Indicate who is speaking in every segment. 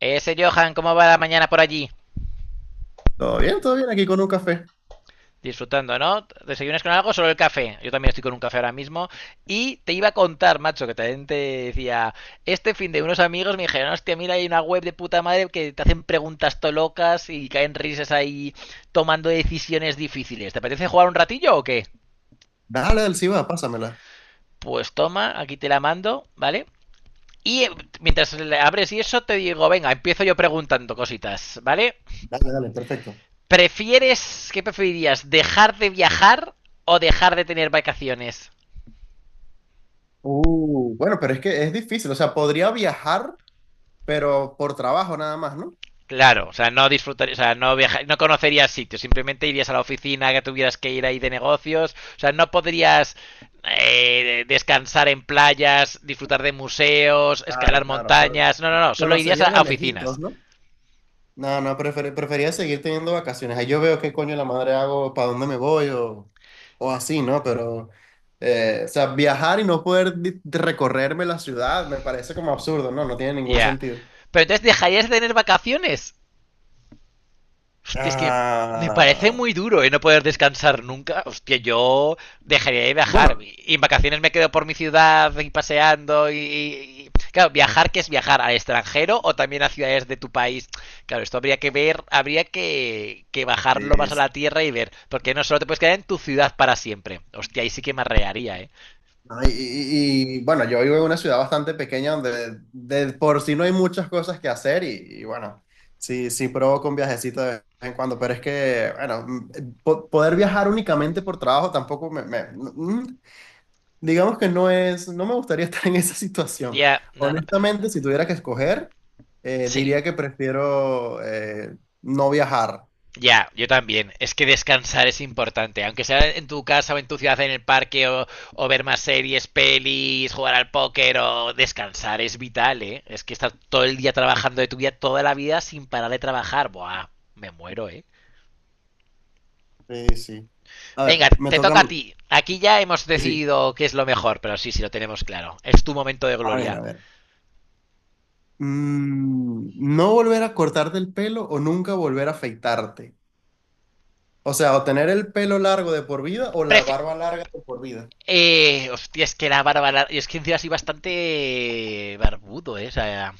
Speaker 1: Ese Johan, ¿cómo va la mañana por allí?
Speaker 2: Todo bien aquí con un café.
Speaker 1: Disfrutando, ¿no? ¿Desayunas con algo? Solo el café. Yo también estoy con un café ahora mismo. Y te iba a contar, macho, que también te decía, este fin de unos amigos me dijeron, hostia, mira, hay una web de puta madre que te hacen preguntas to locas y caen risas ahí tomando decisiones difíciles. ¿Te apetece jugar un ratillo o qué?
Speaker 2: Dale, dale, sí va pásamela.
Speaker 1: Pues toma, aquí te la mando, ¿vale? Y mientras le abres y eso, te digo, venga, empiezo yo preguntando cositas, ¿vale?
Speaker 2: Dale, dale, perfecto.
Speaker 1: ¿Prefieres, qué preferirías, dejar de viajar o dejar de tener vacaciones?
Speaker 2: Bueno, pero es que es difícil, o sea, podría viajar, pero por trabajo nada más, ¿no?
Speaker 1: Claro, o sea, no disfrutarías, o sea, no viajar, no conocerías sitios, simplemente irías a la oficina que tuvieras que ir ahí de negocios, o sea, no podrías descansar en playas, disfrutar de museos,
Speaker 2: Claro,
Speaker 1: escalar
Speaker 2: claro. O sea,
Speaker 1: montañas, no, no, no, solo irías a,
Speaker 2: conocería de
Speaker 1: a
Speaker 2: lejitos,
Speaker 1: oficinas.
Speaker 2: ¿no? No, no, prefería seguir teniendo vacaciones. Ahí yo veo qué coño la madre hago, para dónde me voy o así, ¿no? Pero, o sea, viajar y no poder recorrerme la ciudad me parece como absurdo, ¿no? No tiene
Speaker 1: Ya.
Speaker 2: ningún
Speaker 1: Yeah.
Speaker 2: sentido.
Speaker 1: Pero entonces dejarías de tener vacaciones. Hostia, es que me parece
Speaker 2: Ah,
Speaker 1: muy duro y no poder descansar nunca. Hostia, yo dejaría de viajar.
Speaker 2: bueno.
Speaker 1: Y en vacaciones me quedo por mi ciudad y paseando. Claro, viajar, que es viajar? ¿Al extranjero o también a ciudades de tu país? Claro, esto habría que ver, habría que bajarlo más a la tierra y ver. Porque no solo te puedes quedar en tu ciudad para siempre. Hostia, ahí sí que me arrearía, ¿eh?
Speaker 2: ¿No? Y, bueno, yo vivo en una ciudad bastante pequeña donde de por sí no hay muchas cosas que hacer y, bueno, sí, sí provoco un viajecito de vez en cuando, pero es que, bueno, poder viajar únicamente por trabajo tampoco me- mm, digamos que no es, no me gustaría estar en esa situación.
Speaker 1: Ya, no, no.
Speaker 2: Honestamente, si tuviera que escoger,
Speaker 1: Sí,
Speaker 2: diría que prefiero no viajar.
Speaker 1: ya, yo también. Es que descansar es importante. Aunque sea en tu casa o en tu ciudad, en el parque, o ver más series, pelis, jugar al póker, o descansar es vital, ¿eh? Es que estar todo el día trabajando de tu vida, toda la vida, sin parar de trabajar. Buah, me muero, ¿eh?
Speaker 2: Sí, sí. A
Speaker 1: Venga,
Speaker 2: ver, me
Speaker 1: te
Speaker 2: toca a
Speaker 1: toca
Speaker 2: mí.
Speaker 1: a ti. Aquí ya hemos
Speaker 2: Sí, sí.
Speaker 1: decidido qué es lo mejor, pero sí, sí, lo tenemos claro. Es tu momento de
Speaker 2: A ver, a
Speaker 1: gloria.
Speaker 2: ver. No volver a cortarte el pelo o nunca volver a afeitarte. O sea, o tener el pelo largo de por vida o la
Speaker 1: Prefe
Speaker 2: barba larga de por vida.
Speaker 1: hostia, es que la barba. Y es que encima así bastante barbudo, ¿eh? O sea,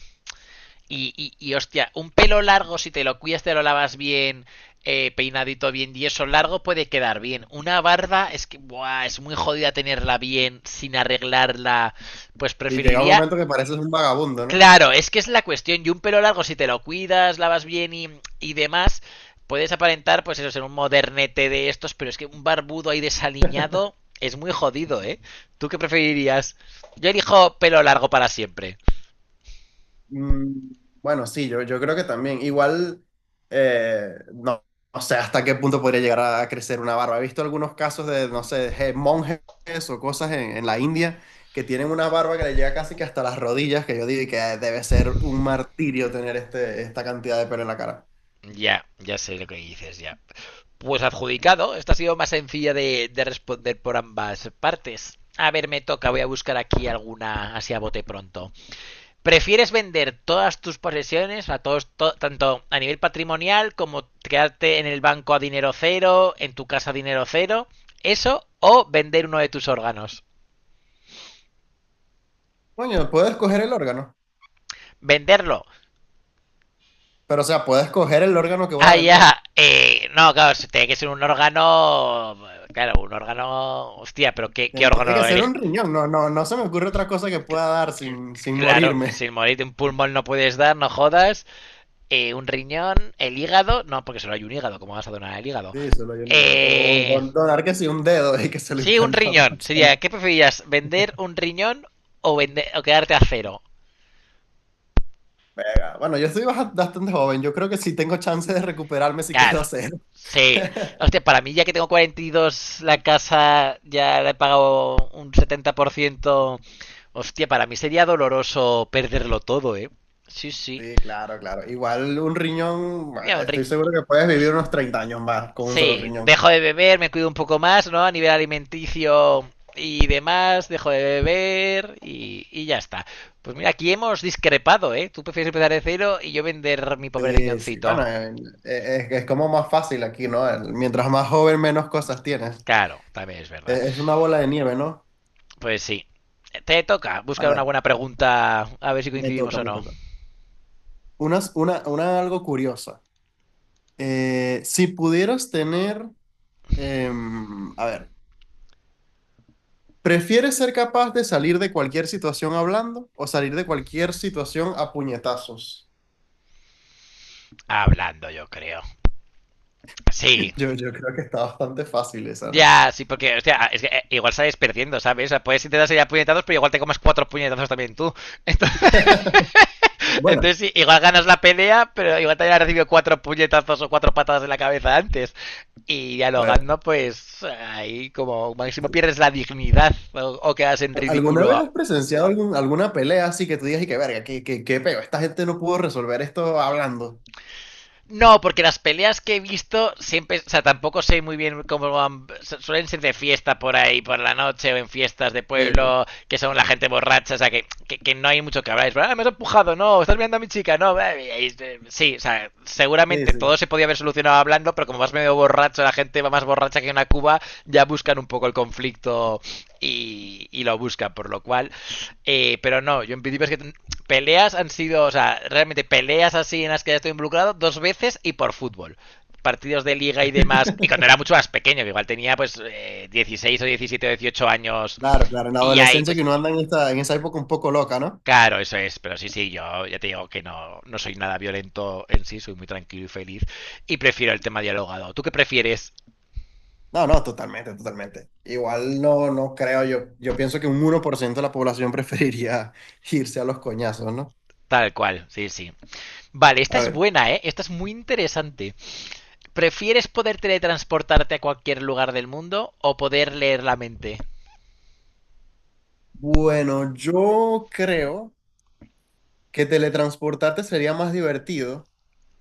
Speaker 1: y, hostia, un pelo largo, si te lo cuidas, te lo lavas bien, peinadito bien y eso largo puede quedar bien. Una barba es que buah, es muy jodida tenerla bien sin arreglarla. Pues
Speaker 2: Y llega un
Speaker 1: preferiría...
Speaker 2: momento que pareces un vagabundo, ¿no?
Speaker 1: Claro, es que es la cuestión. Y un pelo largo, si te lo cuidas, lavas bien y demás, puedes aparentar, pues eso, ser un modernete de estos, pero es que un barbudo ahí desaliñado es muy jodido, ¿eh? ¿Tú qué preferirías? Yo elijo pelo largo para siempre.
Speaker 2: Mm, bueno, sí, yo creo que también. Igual, no, no sé hasta qué punto podría llegar a crecer una barba. He visto algunos casos de, no sé, monjes o cosas en la India que tienen una barba que le llega casi que hasta las rodillas, que yo digo que debe ser un martirio tener esta cantidad de pelo en la cara.
Speaker 1: Ya, ya sé lo que dices, ya. Pues adjudicado. Esta ha sido más sencilla de responder por ambas partes. A ver, me toca, voy a buscar aquí alguna así a bote pronto. ¿Prefieres vender todas tus posesiones, a todos, tanto a nivel patrimonial como quedarte en el banco a dinero cero, en tu casa a dinero cero? ¿Eso o vender uno de tus órganos?
Speaker 2: Coño, puedo escoger el órgano,
Speaker 1: Venderlo.
Speaker 2: pero o sea, puedo escoger el órgano que voy a
Speaker 1: Ah,
Speaker 2: vender.
Speaker 1: ya. No, claro, si tiene que ser un órgano. Claro, un órgano. Hostia, pero ¿qué
Speaker 2: Tiene
Speaker 1: órgano
Speaker 2: que ser
Speaker 1: elige?
Speaker 2: un riñón, no, no, no se me ocurre otra cosa que pueda dar sin
Speaker 1: Claro,
Speaker 2: morirme.
Speaker 1: sin morirte un pulmón no puedes dar, no jodas. Un riñón, el hígado. No, porque solo hay un hígado, ¿cómo vas a donar el hígado?
Speaker 2: Sí, solo hay un hígado. O
Speaker 1: Eh,
Speaker 2: donar que sí un dedo y que se lo
Speaker 1: sí, un
Speaker 2: implante a otra
Speaker 1: riñón.
Speaker 2: persona.
Speaker 1: Sería, ¿qué preferirías? ¿Vender un riñón o, vender, o quedarte a cero?
Speaker 2: Pega. Bueno, yo estoy bastante joven, yo creo que sí tengo chance de recuperarme si quedo
Speaker 1: Claro.
Speaker 2: cero.
Speaker 1: Sí. Hostia, para mí ya que tengo 42, la casa ya le he pagado un 70%. Hostia, para mí sería doloroso perderlo todo, ¿eh? Sí, sí.
Speaker 2: Sí, claro, claro. Igual un riñón, bueno,
Speaker 1: Mira, un
Speaker 2: estoy
Speaker 1: ri-
Speaker 2: seguro que puedes vivir unos 30 años más con un solo
Speaker 1: Sí,
Speaker 2: riñón.
Speaker 1: dejo de beber, me cuido un poco más, ¿no? A nivel alimenticio y demás, dejo de beber y ya está. Pues mira, aquí hemos discrepado, ¿eh? Tú prefieres empezar de cero y yo vender mi pobre
Speaker 2: Sí, sí,
Speaker 1: riñoncito.
Speaker 2: bueno, es como más fácil aquí, ¿no? Mientras más joven, menos cosas tienes.
Speaker 1: Claro, también es verdad.
Speaker 2: Es una bola de nieve, ¿no?
Speaker 1: Pues sí. Te toca
Speaker 2: A
Speaker 1: buscar una
Speaker 2: ver,
Speaker 1: buena pregunta, a ver si
Speaker 2: me
Speaker 1: coincidimos
Speaker 2: toca,
Speaker 1: o
Speaker 2: me
Speaker 1: no.
Speaker 2: toca. Una, algo curiosa. Si pudieras tener, a ver, ¿prefieres ser capaz de salir de cualquier situación hablando o salir de cualquier situación a puñetazos?
Speaker 1: Hablando, yo creo. Sí,
Speaker 2: Yo creo que está bastante fácil esa, ¿no?
Speaker 1: ya, sí, porque, hostia, es que igual sales perdiendo, ¿sabes? O sea, puedes intentar salir a puñetazos, pero igual te comas cuatro puñetazos también tú. Entonces,
Speaker 2: Bueno,
Speaker 1: entonces, sí, igual ganas la pelea, pero igual te haya recibido cuatro puñetazos o cuatro patadas en la cabeza antes. Y
Speaker 2: a ver,
Speaker 1: dialogando, pues ahí como máximo pierdes la dignidad o quedas en
Speaker 2: ¿alguna vez
Speaker 1: ridículo.
Speaker 2: has presenciado alguna pelea así que tú digas y que verga, qué peo? Esta gente no pudo resolver esto hablando.
Speaker 1: No, porque las peleas que he visto siempre, o sea, tampoco sé muy bien cómo van, suelen ser de fiesta por ahí, por la noche o en fiestas de
Speaker 2: Sí,
Speaker 1: pueblo, que son la gente borracha, o sea, que no hay mucho que hablar. Es, ah, me has empujado, no, estás mirando a mi chica, no. Sí, o sea, seguramente todo
Speaker 2: sí.
Speaker 1: se podía haber solucionado hablando, pero como vas medio borracho, la gente va más borracha que una cuba, ya buscan un poco el conflicto y lo buscan, por lo cual, pero no, yo en principio es que peleas han sido, o sea, realmente peleas así en las que ya estoy involucrado 2 veces y por fútbol. Partidos de liga y demás, y cuando era mucho más pequeño, que igual tenía pues 16 o 17 o 18 años
Speaker 2: Claro, claro, en la
Speaker 1: y ahí
Speaker 2: adolescencia que
Speaker 1: pues...
Speaker 2: uno anda en esa época un poco loca, ¿no?
Speaker 1: Claro, eso es, pero sí, sí, yo ya te digo que no, no soy nada violento en sí, soy muy tranquilo y feliz y prefiero el tema dialogado. ¿Tú qué prefieres?
Speaker 2: No, no, totalmente, totalmente. Igual no creo, yo pienso que un 1% de la población preferiría irse a los coñazos, ¿no?
Speaker 1: Tal cual, sí, sí. Vale, esta
Speaker 2: A
Speaker 1: es
Speaker 2: ver,
Speaker 1: buena, ¿eh? Esta es muy interesante. ¿Prefieres poder teletransportarte a cualquier lugar del mundo o poder leer la mente?
Speaker 2: bueno, yo creo que teletransportarte sería más divertido,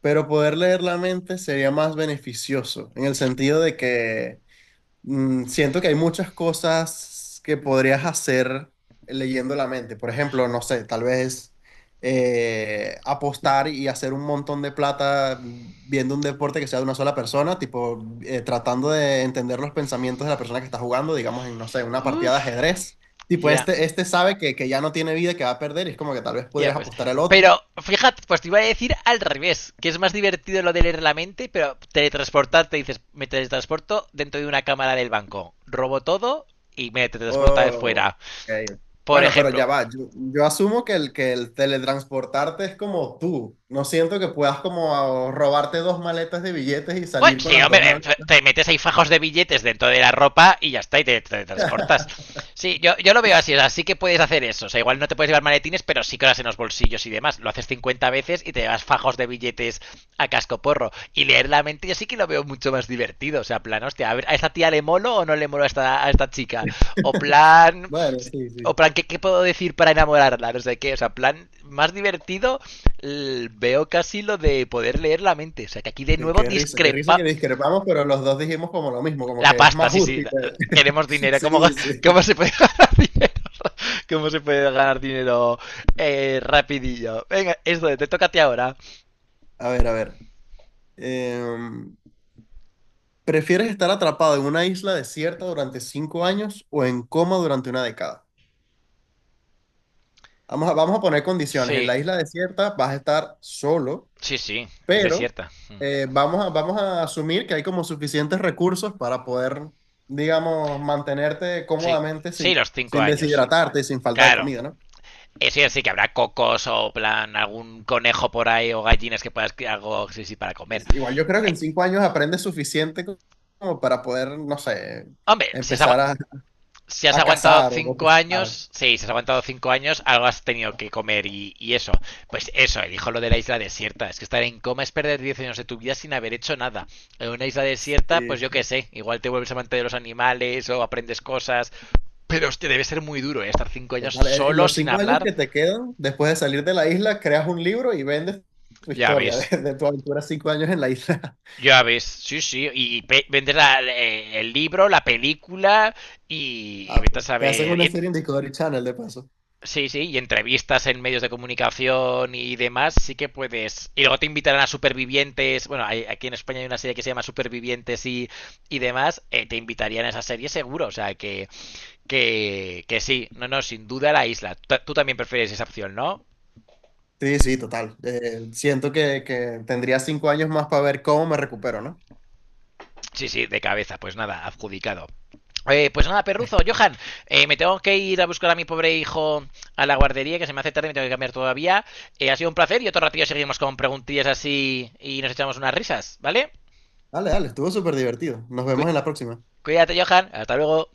Speaker 2: pero poder leer la mente sería más beneficioso, en el sentido de que siento que hay muchas cosas que podrías hacer leyendo la mente. Por ejemplo, no sé, tal vez apostar y hacer un montón de plata viendo un deporte que sea de una sola persona, tipo tratando de entender los pensamientos de la persona que está jugando, digamos, en, no sé, una partida de
Speaker 1: Uf,
Speaker 2: ajedrez.
Speaker 1: ya.
Speaker 2: Tipo,
Speaker 1: Yeah. Ya
Speaker 2: este sabe que ya no tiene vida, que va a perder, y es como que tal vez
Speaker 1: yeah,
Speaker 2: podrías
Speaker 1: pues.
Speaker 2: apostar al otro.
Speaker 1: Pero fíjate, pues te iba a decir al revés, que es más divertido lo de leer la mente, pero teletransportarte, dices, me teletransporto dentro de una cámara del banco, robo todo y me teletransporto otra vez
Speaker 2: Oh,
Speaker 1: fuera.
Speaker 2: ok.
Speaker 1: Por
Speaker 2: Bueno, pero ya
Speaker 1: ejemplo,
Speaker 2: va. Yo asumo que que el teletransportarte es como tú. No siento que puedas como robarte dos maletas de billetes y
Speaker 1: bueno,
Speaker 2: salir con
Speaker 1: sí,
Speaker 2: las
Speaker 1: hombre,
Speaker 2: dos maletas.
Speaker 1: te metes ahí fajos de billetes dentro de la ropa y ya está, y te transportas. Sí, yo lo veo así, o sea, sí que puedes hacer eso. O sea, igual no te puedes llevar maletines, pero sí que lo haces en los bolsillos y demás. Lo haces 50 veces y te llevas fajos de billetes a cascoporro. Y leer la mente yo sí que lo veo mucho más divertido. O sea, plan, hostia, a ver, ¿a esta tía le molo o no le molo a esta chica? O plan,
Speaker 2: Bueno, sí,
Speaker 1: o
Speaker 2: sí.
Speaker 1: plan, ¿qué, qué puedo decir para enamorarla? No sé qué, o sea, plan, más divertido veo casi lo de poder leer la mente. O sea, que aquí de
Speaker 2: Qué,
Speaker 1: nuevo
Speaker 2: qué risa, qué risa
Speaker 1: discrepa
Speaker 2: que discrepamos, pero los dos dijimos como lo mismo, como
Speaker 1: la
Speaker 2: que es
Speaker 1: pasta,
Speaker 2: más
Speaker 1: sí, sí.
Speaker 2: útil.
Speaker 1: Queremos
Speaker 2: Sí,
Speaker 1: dinero. ¿Cómo,
Speaker 2: sí.
Speaker 1: cómo se puede ganar dinero? ¿Cómo se puede ganar dinero rapidillo? Venga, esto te toca a ti ahora.
Speaker 2: A ver, a ver. Em, ¿Prefieres estar atrapado en una isla desierta durante 5 años o en coma durante una década? Vamos a poner condiciones. En
Speaker 1: Sí,
Speaker 2: la isla desierta vas a estar solo,
Speaker 1: sí, sí. Es
Speaker 2: pero
Speaker 1: desierta. Mm.
Speaker 2: vamos a asumir que hay como suficientes recursos para poder, digamos, mantenerte
Speaker 1: Sí,
Speaker 2: cómodamente
Speaker 1: sí,
Speaker 2: sin,
Speaker 1: los cinco
Speaker 2: sin
Speaker 1: años.
Speaker 2: deshidratarte y sin falta de
Speaker 1: Claro.
Speaker 2: comida, ¿no?
Speaker 1: Eso sí, sí que habrá cocos o plan algún conejo por ahí o gallinas que puedas algo sí, sí, para comer.
Speaker 2: Igual yo creo que
Speaker 1: Eh,
Speaker 2: en 5 años aprendes suficiente como para poder, no sé,
Speaker 1: hombre, si es
Speaker 2: empezar
Speaker 1: agua,
Speaker 2: a,
Speaker 1: si has
Speaker 2: a
Speaker 1: aguantado
Speaker 2: cazar o
Speaker 1: cinco
Speaker 2: pescar.
Speaker 1: años, sí, si has aguantado 5 años, algo has tenido que comer y eso. Pues eso, él dijo lo de la isla desierta. Es que estar en coma es perder 10 años de tu vida sin haber hecho nada. En una isla desierta, pues
Speaker 2: Sí,
Speaker 1: yo qué
Speaker 2: sí.
Speaker 1: sé, igual te vuelves amante de los animales o aprendes cosas. Pero hostia, debe ser muy duro, ¿eh? Estar 5 años
Speaker 2: Total, en
Speaker 1: solo,
Speaker 2: los
Speaker 1: sin
Speaker 2: 5 años
Speaker 1: hablar.
Speaker 2: que te quedan, después de salir de la isla, creas un libro y vendes tu
Speaker 1: Ya
Speaker 2: historia
Speaker 1: ves.
Speaker 2: de tu aventura 5 años en la isla.
Speaker 1: Ya ves, sí, sí, y vendes el libro, la película y
Speaker 2: Ah,
Speaker 1: vete a
Speaker 2: pues te hacen
Speaker 1: saber.
Speaker 2: una serie en Discovery Channel de paso.
Speaker 1: Sí, sí, y entrevistas en medios de comunicación y demás, sí que puedes. Y luego te invitarán a Supervivientes. Bueno, aquí en España hay una serie que se llama Supervivientes y demás. Te invitarían a esa serie seguro. O sea, que, que sí. No, no, sin duda la isla. Tú también prefieres esa opción, ¿no?
Speaker 2: Sí, sí, total. Siento que tendría 5 años más para ver cómo me recupero, ¿no?
Speaker 1: Sí, sí, de cabeza. Pues nada, adjudicado. Pues nada, perruzo, Johan, me tengo que ir a buscar a mi pobre hijo a la guardería, que se me hace tarde y me tengo que cambiar todavía. Ha sido un placer y otro ratillo seguimos con preguntillas así y nos echamos unas risas, ¿vale?
Speaker 2: Dale, dale, estuvo súper divertido. Nos vemos en
Speaker 1: Cu-
Speaker 2: la próxima.
Speaker 1: cuídate, Johan, hasta luego.